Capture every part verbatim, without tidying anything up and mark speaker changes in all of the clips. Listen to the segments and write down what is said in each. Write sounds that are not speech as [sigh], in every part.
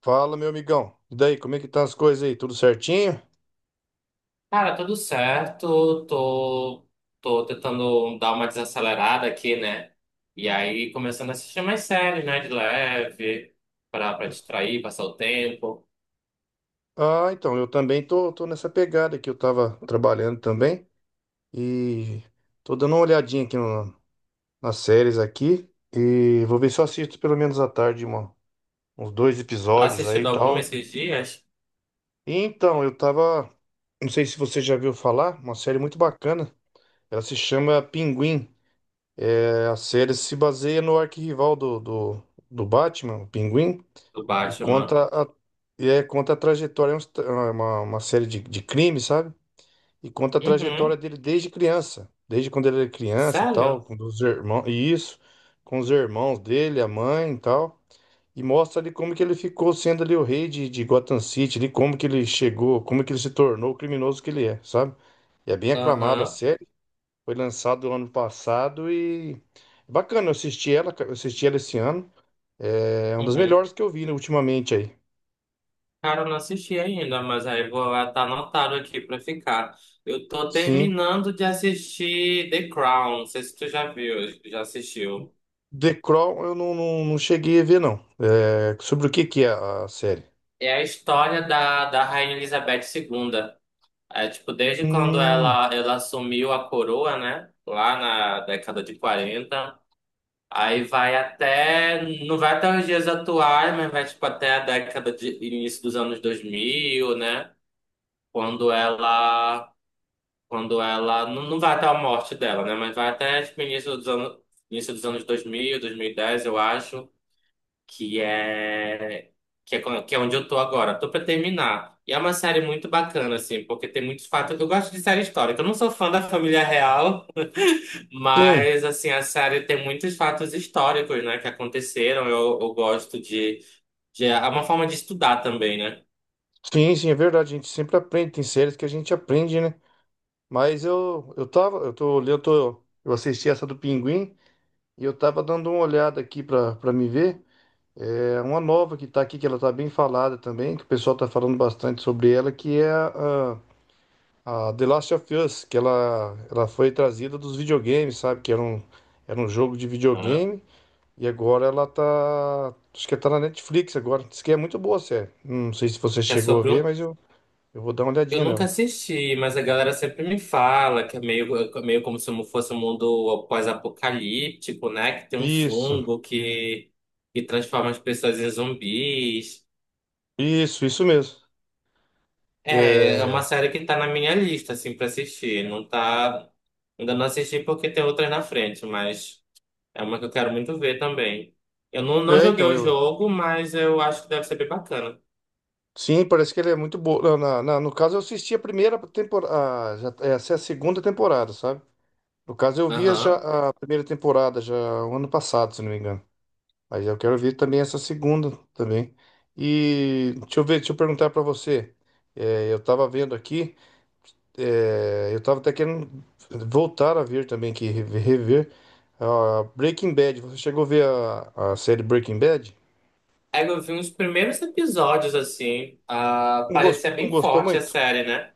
Speaker 1: Fala, meu amigão. E daí, como é que tá as coisas aí? Tudo certinho?
Speaker 2: Cara, tudo certo. Tô, tô tentando dar uma desacelerada aqui, né? E aí começando a assistir mais séries, né? De leve, pra, pra distrair, passar o tempo.
Speaker 1: Ah, então, eu também tô, tô nessa pegada aqui. Eu tava trabalhando também e tô dando uma olhadinha aqui no- nas séries aqui e vou ver se eu assisto pelo menos à tarde uma- uns dois
Speaker 2: Tá
Speaker 1: episódios aí e
Speaker 2: assistindo alguma
Speaker 1: tal.
Speaker 2: esses dias
Speaker 1: E então, eu tava, não sei se você já viu falar, uma série muito bacana. Ela se chama Pinguim. É, a série se baseia no arquirrival do, do, do Batman, o Pinguim.
Speaker 2: do
Speaker 1: E
Speaker 2: Batman?
Speaker 1: conta a, e é, conta a trajetória, é uns tra- é uma, uma série de, de crimes, sabe? E conta a trajetória
Speaker 2: Uhum.
Speaker 1: dele desde criança, desde quando ele era criança, tal,
Speaker 2: Sério?
Speaker 1: com os irmãos, e isso, com os irmãos dele, a mãe, e tal. E mostra ali como que ele ficou sendo ali o rei de, de Gotham City, ali como que ele chegou, como que ele se tornou o criminoso que ele é, sabe? E é bem aclamada a
Speaker 2: Aham.
Speaker 1: série, foi lançado ano passado e bacana, eu assisti ela, eu assisti ela esse ano. É é uma das
Speaker 2: Uhum.
Speaker 1: melhores que eu vi, né, ultimamente aí.
Speaker 2: Cara, eu não assisti ainda, mas aí vou tá anotado aqui pra ficar. Eu tô
Speaker 1: Sim.
Speaker 2: terminando de assistir The Crown. Não sei se tu já viu, já assistiu.
Speaker 1: The Crown eu não, não, não cheguei a ver, não. É, sobre o que que é a série?
Speaker 2: É a história da, da Rainha Elizabeth segunda. É, tipo, desde quando
Speaker 1: Hum,
Speaker 2: ela, ela assumiu a coroa, né? Lá na década de quarenta. Aí vai até, não vai até os dias atuais, mas vai, tipo, até a década de, início dos anos dois mil, né? Quando ela, quando ela, não, não vai até a morte dela, né? Mas vai até, tipo, início dos anos, início dos anos dois dois mil dois mil e dez, eu acho que é que é, co- que é onde eu tô agora. Tô pra terminar. E é uma série muito bacana, assim, porque tem muitos fatos. Eu gosto de série histórica. Eu não sou fã da família real,
Speaker 1: sim,
Speaker 2: mas, assim, a série tem muitos fatos históricos, né, que aconteceram. Eu, eu gosto de, de. É uma forma de estudar também, né?
Speaker 1: sim, sim, é verdade. A gente sempre aprende, tem séries que a gente aprende, né? Mas eu, eu tava, eu tô, eu tô, eu assisti essa do Pinguim e eu tava dando uma olhada aqui pra, pra me ver. É uma nova que tá aqui, que ela tá bem falada também, que o pessoal tá falando bastante sobre ela, que é a, a, a The Last of Us, que ela, ela foi trazida dos videogames, sabe? Que era um, era um jogo de
Speaker 2: Aham.
Speaker 1: videogame. E agora ela tá. Acho que tá na Netflix agora. Diz que é muito boa a série. Não sei se você
Speaker 2: Que é
Speaker 1: chegou a
Speaker 2: sobre
Speaker 1: ver,
Speaker 2: um.
Speaker 1: mas eu, eu vou dar uma
Speaker 2: Eu
Speaker 1: olhadinha
Speaker 2: nunca
Speaker 1: nela.
Speaker 2: assisti, mas a galera sempre me fala que é meio, é meio como se fosse um mundo pós-apocalíptico, né? Que tem um
Speaker 1: Isso,
Speaker 2: fungo que, que transforma as pessoas em zumbis.
Speaker 1: isso, isso mesmo. Que
Speaker 2: É, é uma
Speaker 1: é...
Speaker 2: série que tá na minha lista, assim, pra assistir. Não tá. Ainda não assisti porque tem outras na frente, mas é uma que eu quero muito ver também. Eu não, não
Speaker 1: é,
Speaker 2: joguei
Speaker 1: então,
Speaker 2: o
Speaker 1: eu.
Speaker 2: jogo, mas eu acho que deve ser bem bacana.
Speaker 1: Sim, parece que ele é muito boa. Na, na- na- no caso, eu assisti a primeira temporada. Já, essa é a segunda temporada, sabe? No caso, eu vi já
Speaker 2: Aham.
Speaker 1: a primeira temporada já o ano passado, se não me engano. Mas eu quero ver também essa segunda também. E deixa eu ver, deixa eu perguntar pra você. É, eu tava vendo aqui. É, eu tava até querendo voltar a ver também, que rever, rever, ah, Breaking Bad. Você chegou a ver a, a série Breaking Bad?
Speaker 2: É, eu vi uns primeiros episódios, assim. Ah,
Speaker 1: Não gostou,
Speaker 2: parecia
Speaker 1: não
Speaker 2: bem
Speaker 1: gostou
Speaker 2: forte a
Speaker 1: muito?
Speaker 2: série, né?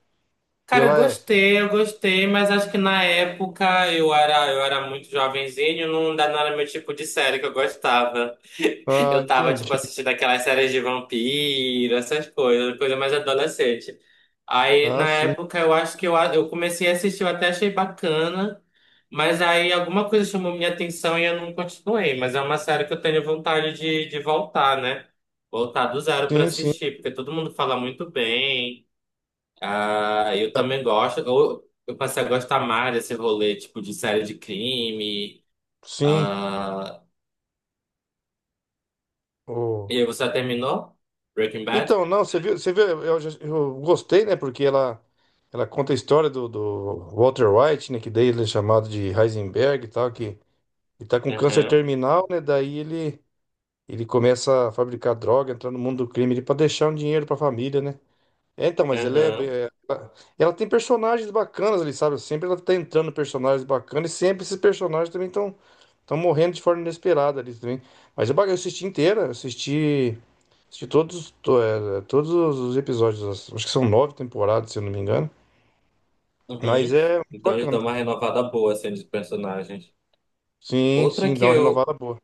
Speaker 2: Cara, eu
Speaker 1: Ela é.
Speaker 2: gostei, eu gostei, mas acho que na época eu era, eu era muito jovenzinho, não, dá- não era meu tipo de série que eu gostava.
Speaker 1: Ah,
Speaker 2: Eu tava, tipo,
Speaker 1: entendi.
Speaker 2: assistindo aquelas séries de vampiro, essas coisas, coisa mais adolescente. Aí,
Speaker 1: Ah,
Speaker 2: na
Speaker 1: sim,
Speaker 2: época, eu acho que eu, a- eu comecei a assistir, eu até achei bacana, mas aí alguma coisa chamou minha atenção e eu não continuei. Mas é uma série que eu tenho vontade de, de voltar, né? Voltar do zero pra
Speaker 1: sim, sim,
Speaker 2: assistir, porque todo mundo fala muito bem. Ah, eu
Speaker 1: ah,
Speaker 2: também gosto. Eu, eu passei a gostar mais desse rolê, tipo, de série de crime.
Speaker 1: sim.
Speaker 2: Ah,
Speaker 1: Oh.
Speaker 2: e você já terminou? Breaking Bad?
Speaker 1: Então, não, você viu, você viu, eu, já- eu gostei, né? Porque ela, ela conta a história do, do Walter White, né? Que daí ele é chamado de Heisenberg e tal, que ele tá com câncer
Speaker 2: Aham,
Speaker 1: terminal, né? Daí ele. Ele começa a fabricar droga, entrar no mundo do crime, ele para deixar um dinheiro para a família, né? É, então, mas ele é, bem-
Speaker 2: aham,
Speaker 1: é- ela ela tem personagens bacanas ali, sabe? Sempre ela tá entrando personagens bacanas e sempre esses personagens também estão estão morrendo de forma inesperada ali também. Mas eu, ba- eu assisti inteira, eu assisti, assisti todos, to- é, todos os episódios, as- acho que são nove temporadas, se eu não me engano. Mas
Speaker 2: uhum.
Speaker 1: é muito
Speaker 2: Então eles
Speaker 1: bacana.
Speaker 2: dão uma renovada boa, assim, dos personagens.
Speaker 1: Sim,
Speaker 2: Outra
Speaker 1: sim, dá
Speaker 2: que
Speaker 1: uma renovada
Speaker 2: eu,
Speaker 1: boa.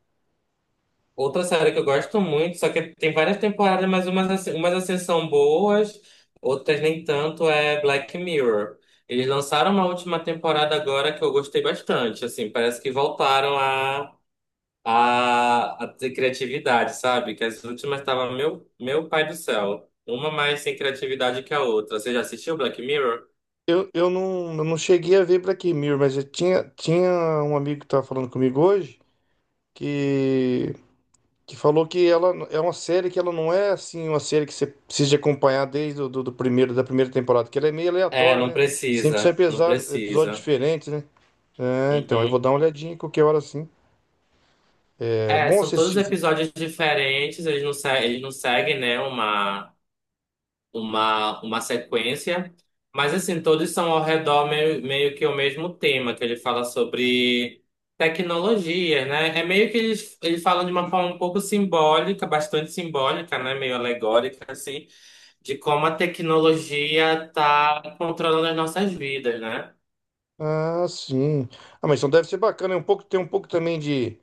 Speaker 2: outra série que eu gosto muito, só que tem várias temporadas, mas umas assim, umas assim são boas, outras nem tanto, é Black Mirror. Eles lançaram uma última temporada agora que eu gostei bastante, assim, parece que voltaram a a, a ter criatividade, sabe? Que as últimas tava meu, meu pai do céu. Uma mais sem criatividade que a outra. Você já assistiu Black Mirror?
Speaker 1: Eu, eu, não, eu não cheguei a ver Black Mirror, mas eu tinha, tinha um amigo que estava falando comigo hoje. que, que falou que ela é uma série que ela não é assim uma série que você precisa de acompanhar desde o do, do primeiro da primeira temporada, que ela é meio
Speaker 2: É,
Speaker 1: aleatória,
Speaker 2: não
Speaker 1: né? Sempre são
Speaker 2: precisa, não
Speaker 1: epesa- episódios
Speaker 2: precisa.
Speaker 1: diferentes, né? É, então eu vou
Speaker 2: Uhum.
Speaker 1: dar uma olhadinha qualquer hora assim. É
Speaker 2: É,
Speaker 1: bom
Speaker 2: são todos
Speaker 1: assistir.
Speaker 2: episódios diferentes, eles não, se- eles não seguem, né, uma, uma, uma sequência, mas assim, todos são ao redor meio, meio que o mesmo tema, que ele fala sobre tecnologia, né? É meio que ele, ele fala de uma forma um pouco simbólica, bastante simbólica, né? Meio alegórica, assim, de como a tecnologia está controlando as nossas vidas, né?
Speaker 1: Ah, sim. Ah, mas então deve ser bacana, é um pouco tem um pouco também de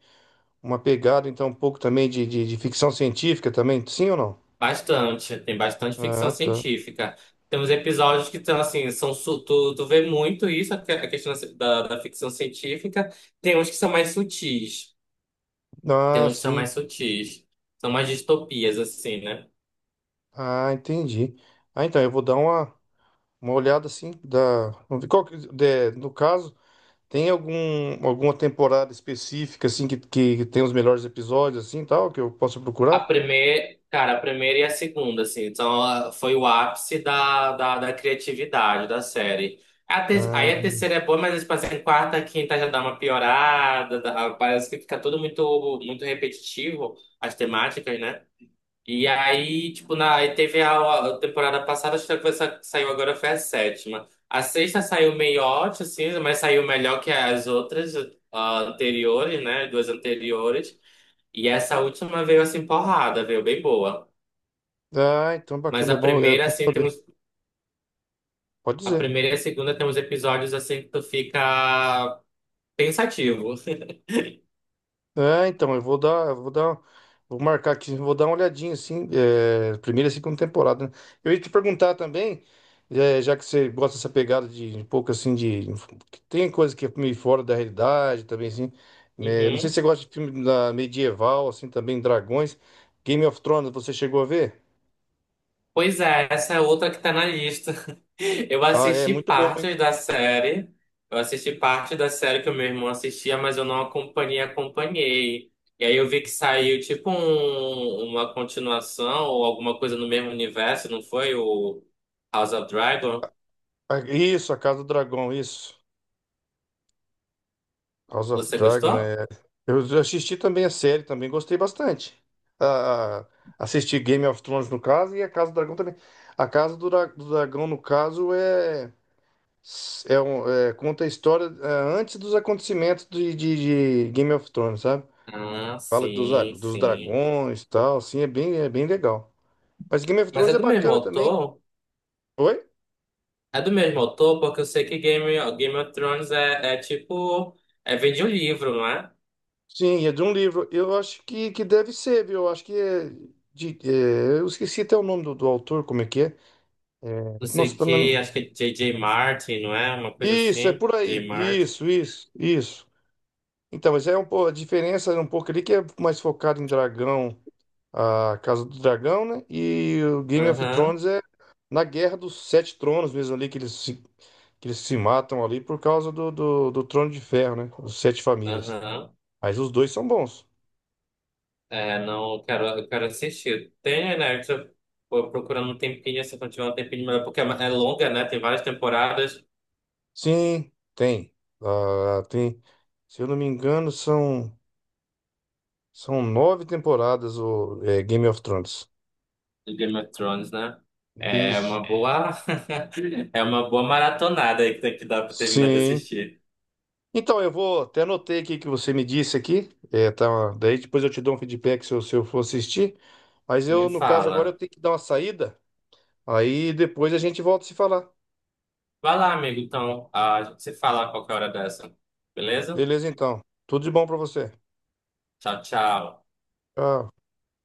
Speaker 1: uma pegada, então um pouco também de, de, de ficção científica também, sim ou não?
Speaker 2: Bastante, tem bastante ficção
Speaker 1: Ah, tá.
Speaker 2: científica. Temos episódios que estão assim, são, su- tu, tu vê muito isso, a que- a questão da, da da ficção científica. Tem uns que são mais sutis. Tem
Speaker 1: Ah,
Speaker 2: uns que são mais
Speaker 1: sim.
Speaker 2: sutis. São mais distopias, assim, né?
Speaker 1: Ah, entendi. Ah, então eu vou dar uma Uma olhada assim da. Vamos ver qual que, de- no caso, tem algum, alguma temporada específica assim que, que tem os melhores episódios assim tal que eu posso
Speaker 2: A
Speaker 1: procurar?
Speaker 2: primeira, cara, a primeira e a segunda, assim. Então, ah, foi o ápice da, da, da criatividade da série. A te-
Speaker 1: Ah,
Speaker 2: aí a terceira é boa, mas, tipo assim, quarta, quinta já dá uma piorada. Dá- parece que fica tudo muito, muito repetitivo, as temáticas, né? E aí, tipo, na, aí teve a, a temporada passada, acho que a que saiu agora foi a sétima. A sexta saiu meio ótima, assim, mas saiu melhor que as outras, ah, anteriores, né? Duas anteriores. E essa última veio assim porrada, veio bem boa.
Speaker 1: ah, então
Speaker 2: Mas
Speaker 1: bacana,
Speaker 2: a
Speaker 1: é bom, é
Speaker 2: primeira,
Speaker 1: bom
Speaker 2: assim,
Speaker 1: saber.
Speaker 2: temos.
Speaker 1: Pode
Speaker 2: A
Speaker 1: dizer.
Speaker 2: primeira e a segunda tem uns episódios assim que tu fica pensativo.
Speaker 1: É, então, eu vou dar, eu vou dar, vou marcar aqui, vou dar uma olhadinha, assim, é, primeira e segunda temporada, né? Eu ia te perguntar também, é, já que você gosta dessa pegada de um pouco, assim, de... que tem coisa que é meio fora da realidade também, assim, né? Não sei se
Speaker 2: Uhum.
Speaker 1: você gosta de filme da medieval, assim, também, dragões. Game of Thrones, você chegou a ver?
Speaker 2: Pois é, essa é outra que tá na lista. [laughs] Eu
Speaker 1: Ah, é
Speaker 2: assisti
Speaker 1: muito bom, hein?
Speaker 2: partes da série. Eu assisti parte da série que o meu irmão assistia, mas eu não acompanhei, acompanhei. E aí eu vi que saiu tipo um- uma continuação ou alguma coisa no mesmo universo, não foi? O House of Dragon.
Speaker 1: Ah, isso, A Casa do Dragão, isso. House of
Speaker 2: Você
Speaker 1: Dragon
Speaker 2: gostou?
Speaker 1: é. Eu já assisti também a série, também gostei bastante. A- a- assisti Game of Thrones no caso e a Casa do Dragão também. A Casa do, Dra- do Dragão no caso é, é, um- é- conta a história é, antes dos acontecimentos de, de- de Game of Thrones, sabe?
Speaker 2: Ah,
Speaker 1: Fala dos, a-
Speaker 2: sim,
Speaker 1: dos
Speaker 2: sim.
Speaker 1: dragões e tal, assim, é bem, é bem legal. Mas Game of
Speaker 2: Mas é
Speaker 1: Thrones é
Speaker 2: do mesmo
Speaker 1: bacana também.
Speaker 2: autor?
Speaker 1: Oi?
Speaker 2: É do mesmo autor, porque eu sei que Game, Game of Thrones é, é tipo. É, vem de um livro, não é?
Speaker 1: Sim, é de um livro. Eu acho que, que deve ser, viu? Eu acho que é de, é, eu esqueci até o nome do, do autor, como é que é.
Speaker 2: Não sei
Speaker 1: Nossa,
Speaker 2: o
Speaker 1: tá na...
Speaker 2: quê, acho que é J J Martin, não é? Uma coisa
Speaker 1: Isso, é
Speaker 2: assim,
Speaker 1: por
Speaker 2: J
Speaker 1: aí.
Speaker 2: J Martin.
Speaker 1: Isso, isso, isso. Então, mas é um pouco, a diferença é um pouco ali que é mais focado em dragão, a Casa do Dragão, né? E o Game of
Speaker 2: Aham,
Speaker 1: Thrones é na Guerra dos Sete Tronos mesmo ali, que eles se, que eles se matam ali por causa do, do, do Trono de Ferro, né? Os Sete Famílias.
Speaker 2: aham.
Speaker 1: Mas os dois são bons.
Speaker 2: É, não, eu quero, eu quero assistir. Tem, né? Eu tô tô procurando um tempinho, se eu não tiver um tempinho melhor, porque é é longa, né? Tem várias temporadas
Speaker 1: Sim, tem. Ah, tem. Se eu não me engano, são, são nove temporadas o é, Game of Thrones.
Speaker 2: de Game of Thrones, né? É
Speaker 1: Isso.
Speaker 2: uma boa, [laughs] é uma boa maratonada aí que tem que dar pra terminar de
Speaker 1: Sim.
Speaker 2: assistir.
Speaker 1: Então, eu vou até anotei aqui que você me disse aqui. É, tá, daí depois eu te dou um feedback se eu, se eu for assistir. Mas eu,
Speaker 2: Me
Speaker 1: no caso, agora eu
Speaker 2: fala.
Speaker 1: tenho que dar uma saída. Aí depois a gente volta a se falar.
Speaker 2: Vai lá, amigo, então, ah, a gente se fala a qualquer hora dessa. Beleza?
Speaker 1: Beleza, então. Tudo de bom pra você.
Speaker 2: Tchau, tchau.
Speaker 1: Tchau.